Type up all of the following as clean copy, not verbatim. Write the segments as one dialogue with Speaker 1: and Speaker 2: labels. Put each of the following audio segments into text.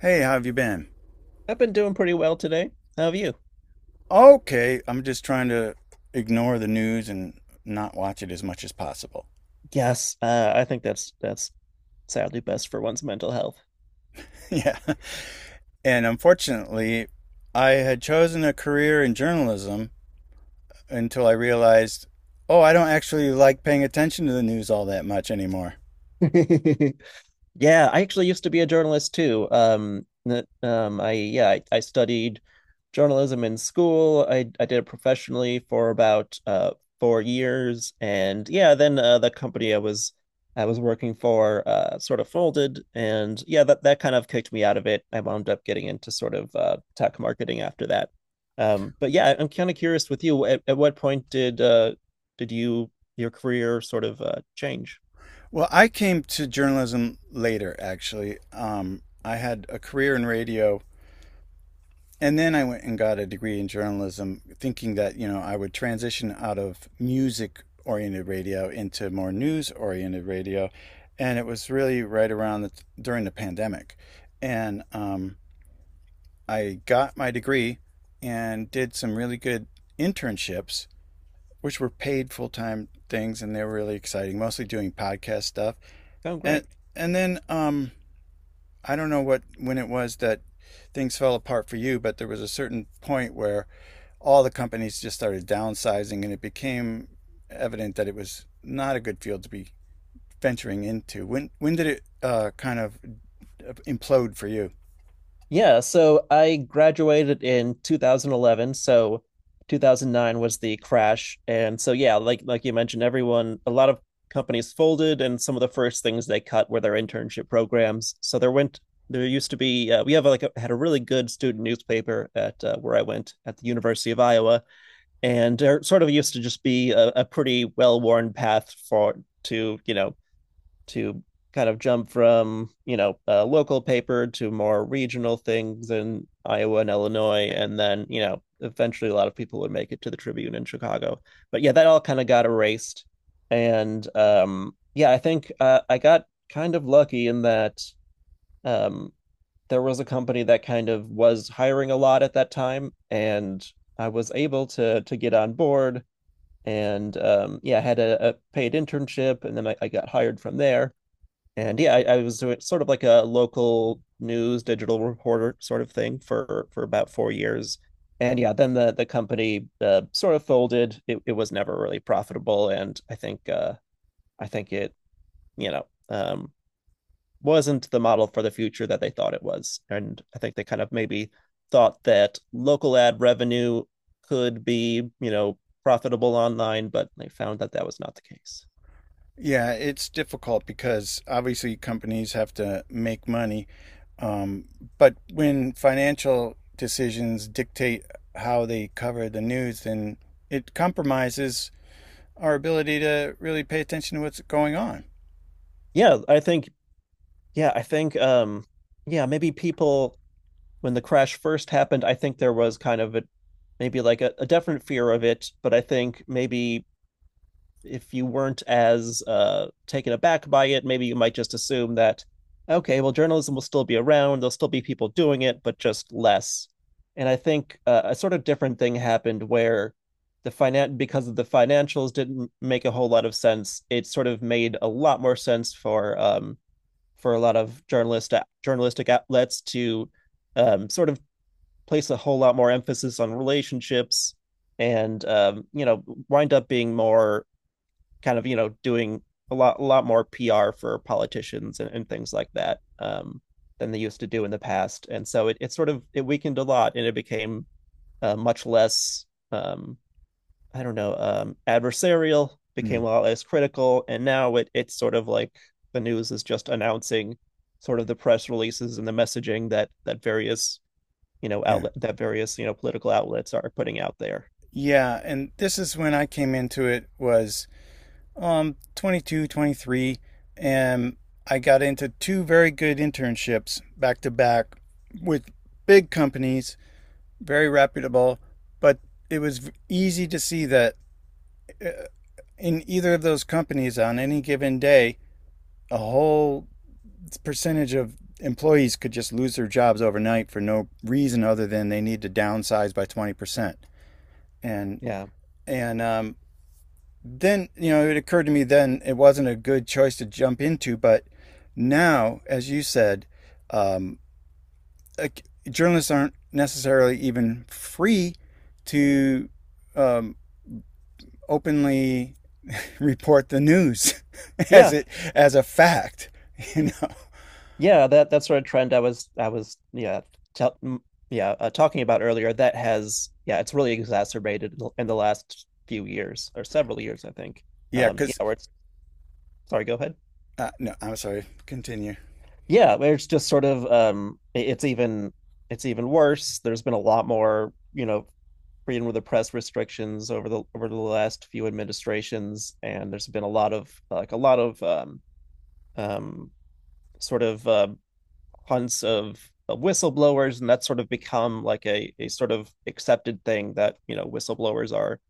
Speaker 1: Hey, how have you been?
Speaker 2: I've been doing pretty well today. How have you?
Speaker 1: Okay, I'm just trying to ignore the news and not watch it as much as possible.
Speaker 2: Yes, I think that's sadly best for one's mental health.
Speaker 1: yeah. And unfortunately, I had chosen a career in journalism until I realized, oh, I don't actually like paying attention to the news all that much anymore.
Speaker 2: Yeah, I actually used to be a journalist too. N- I Yeah, I studied journalism in school. I did it professionally for about 4 years, and yeah, then the company I was working for sort of folded, and yeah, that kind of kicked me out of it. I wound up getting into sort of tech marketing after that. But yeah, I'm kind of curious with you. At what point did did you your career sort of change?
Speaker 1: Well, I came to journalism later, actually. I had a career in radio, and then I went and got a degree in journalism, thinking that, you know, I would transition out of music oriented radio into more news oriented radio. And it was really right around the, during the pandemic. And I got my degree and did some really good internships, which were paid full time things. And they were really exciting, mostly doing podcast stuff.
Speaker 2: Oh,
Speaker 1: And,
Speaker 2: great.
Speaker 1: and then I don't know what when it was that things fell apart for you, but there was a certain point where all the companies just started downsizing, and it became evident that it was not a good field to be venturing into. When did it kind of implode for you?
Speaker 2: Yeah, so I graduated in 2011, so 2009 was the crash. And so yeah, like you mentioned, everyone, a lot of companies folded and some of the first things they cut were their internship programs. So there used to be we have like had a really good student newspaper at where I went at the University of Iowa, and there sort of used to just be a pretty well-worn path for to, you know, to kind of jump from, you know, a local paper to more regional things in Iowa and Illinois, and then, you know, eventually a lot of people would make it to the Tribune in Chicago. But yeah, that all kind of got erased, and yeah, I think I got kind of lucky in that um, there was a company that kind of was hiring a lot at that time, and I was able to get on board. And yeah, I had a paid internship, and then I got hired from there, and yeah, I was doing sort of like a local news digital reporter sort of thing for about 4 years. And yeah, then the company sort of folded. It was never really profitable, and I think it you know um, wasn't the model for the future that they thought it was. And I think they kind of maybe thought that local ad revenue could be, you know, profitable online, but they found that that was not the case.
Speaker 1: Yeah, it's difficult because obviously companies have to make money, um, but when financial decisions dictate how they cover the news, then it compromises our ability to really pay attention to what's going on.
Speaker 2: Yeah, I think yeah, I think yeah maybe people, when the crash first happened, I think there was kind of a, maybe like a definite fear of it, but I think maybe if you weren't as taken aback by it, maybe you might just assume that, okay, well, journalism will still be around, there'll still be people doing it, but just less. And I think a sort of different thing happened where because of the financials didn't make a whole lot of sense. It sort of made a lot more sense for a lot of journalistic outlets to sort of place a whole lot more emphasis on relationships and, you know, wind up being more kind of, you know, doing a lot more PR for politicians and things like that, than they used to do in the past. And so it sort of it weakened a lot and it became much less, um, I don't know, adversarial,
Speaker 1: Hmm.
Speaker 2: became a lot less critical, and now it's sort of like the news is just announcing sort of the press releases and the messaging that various, you know,
Speaker 1: Yeah.
Speaker 2: outlet that various, you know, political outlets are putting out there.
Speaker 1: Yeah, and this is when I came into it was 22, 23, and I got into two very good internships back to back with big companies, very reputable, but it was easy to see that uh, in either of those companies on any given day, a whole percentage of employees could just lose their jobs overnight for no reason other than they need to downsize by 20%. And
Speaker 2: Yeah.
Speaker 1: and then, you know, it occurred to me then it wasn't a good choice to jump into, but now, as you said, um, like, journalists aren't necessarily even free to um, openly report the news as
Speaker 2: Yeah,
Speaker 1: it as a fact you know
Speaker 2: yeah that that sort of trend I was yeah tell, yeah, talking about earlier, that has, yeah, it's really exacerbated in the last few years or several years, I think.
Speaker 1: yeah
Speaker 2: Yeah,
Speaker 1: because
Speaker 2: where it's, sorry, go ahead.
Speaker 1: no, I'm sorry, continue.
Speaker 2: Yeah, where it's just sort of, it's even, it's even worse. There's been a lot more, you know, freedom of the press restrictions over the last few administrations, and there's been a lot of, like, a lot of um sort of hunts of whistleblowers, and that's sort of become like a sort of accepted thing that, you know, whistleblowers are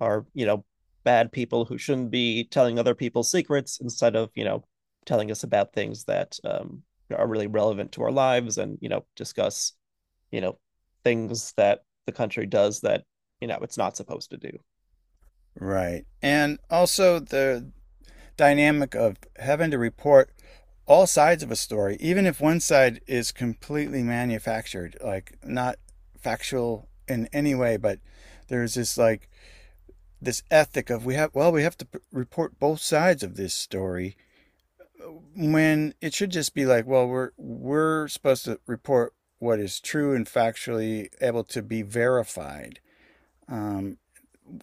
Speaker 2: are you know, bad people who shouldn't be telling other people secrets, instead of, you know, telling us about things that, are really relevant to our lives, and, you know, discuss, you know, things that the country does that, you know, it's not supposed to do.
Speaker 1: Right, and also the dynamic of having to report all sides of a story, even if one side is completely manufactured, like not factual in any way, but there's this like this ethic of we have well we have to report both sides of this story when it should just be like, well, we're supposed to report what is true and factually able to be verified. um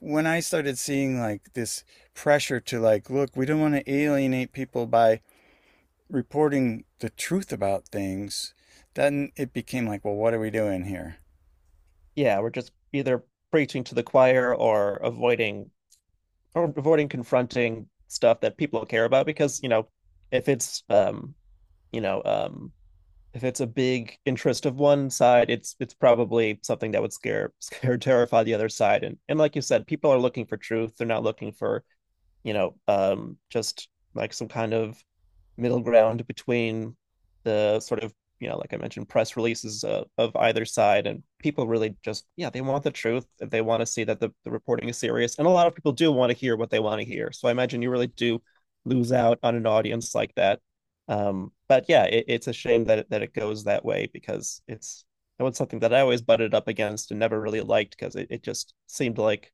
Speaker 1: when I started seeing like this pressure to like, look, we don't want to alienate people by reporting the truth about things, then it became like, well, what are we doing here?
Speaker 2: Yeah, we're just either preaching to the choir or avoiding confronting stuff that people care about, because, you know, if it's you know um if it's a big interest of one side, it's probably something that would scare scare terrify the other side, and like you said, people are looking for truth. They're not looking for, you know, just like some kind of middle ground between the sort of, you know, like I mentioned, press releases of either side. And people really just, yeah, they want the truth. They want to see that the reporting is serious. And a lot of people do want to hear what they want to hear. So I imagine you really do lose out on an audience like that. But yeah, it's a shame that that it goes that way, because it's, it was something that I always butted up against and never really liked, because it just seemed like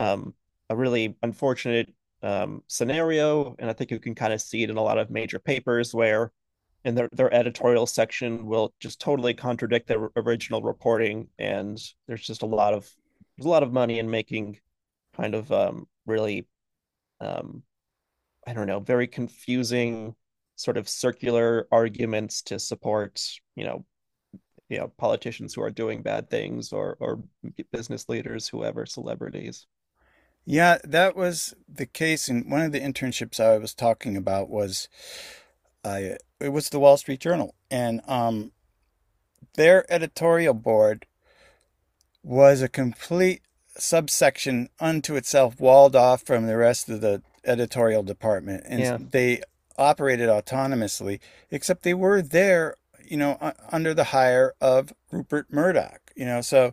Speaker 2: um, a really unfortunate, scenario. And I think you can kind of see it in a lot of major papers where, in their editorial section, will just totally contradict their original reporting, and there's just a lot of, there's a lot of money in making kind of, really, um, I don't know very confusing sort of circular arguments to support, you know, politicians who are doing bad things, or business leaders, whoever, celebrities.
Speaker 1: Yeah, that was the case. And one of the internships I was talking about was I it was the Wall Street Journal, and their editorial board was a complete subsection unto itself, walled off from the rest of the editorial department, and
Speaker 2: Yeah.
Speaker 1: they operated autonomously. Except they were there, you know, under the hire of Rupert Murdoch. You know, so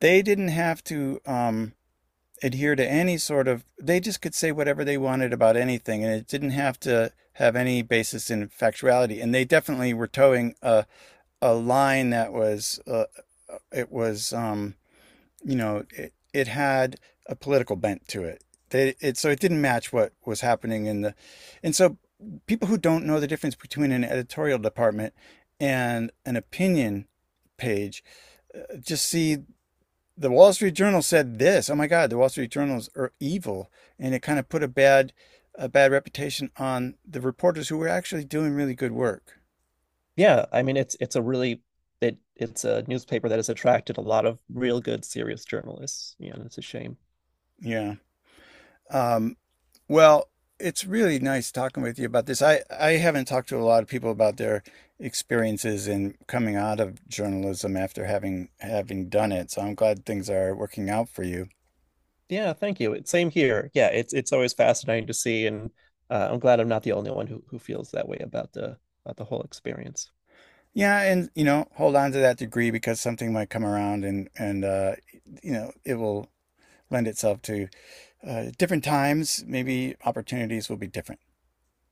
Speaker 1: they didn't have to adhere to any sort of, they just could say whatever they wanted about anything, and it didn't have to have any basis in factuality. And they definitely were towing a line that was, it was, you know, it had a political bent to it. They, it. So it didn't match what was happening in the, and so people who don't know the difference between an editorial department and an opinion page just see the Wall Street Journal said this. Oh my God, the Wall Street Journals are evil, and it kind of put a bad reputation on the reporters who were actually doing really good work.
Speaker 2: Yeah, I mean, it's a really, it's a newspaper that has attracted a lot of real good serious journalists. Yeah, and it's a shame.
Speaker 1: Yeah. Um, well, it's really nice talking with you about this. I haven't talked to a lot of people about their experiences in coming out of journalism after having done it. So I'm glad things are working out for you.
Speaker 2: Yeah, thank you. It's same here. Yeah, it's always fascinating to see, and I'm glad I'm not the only one who feels that way about the, about the whole experience.
Speaker 1: Yeah, and you know, hold on to that degree because something might come around and you know, it will lend itself to different times, maybe opportunities will be different.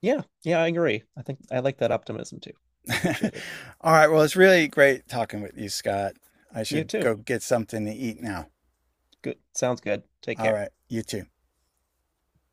Speaker 2: Yeah, yeah, I agree. I think I like that optimism too. I appreciate it.
Speaker 1: All right. Well, it's really great talking with you, Scott. I
Speaker 2: You
Speaker 1: should
Speaker 2: too.
Speaker 1: go get something to eat now.
Speaker 2: Good. Sounds good. Take
Speaker 1: All
Speaker 2: care.
Speaker 1: right. You too.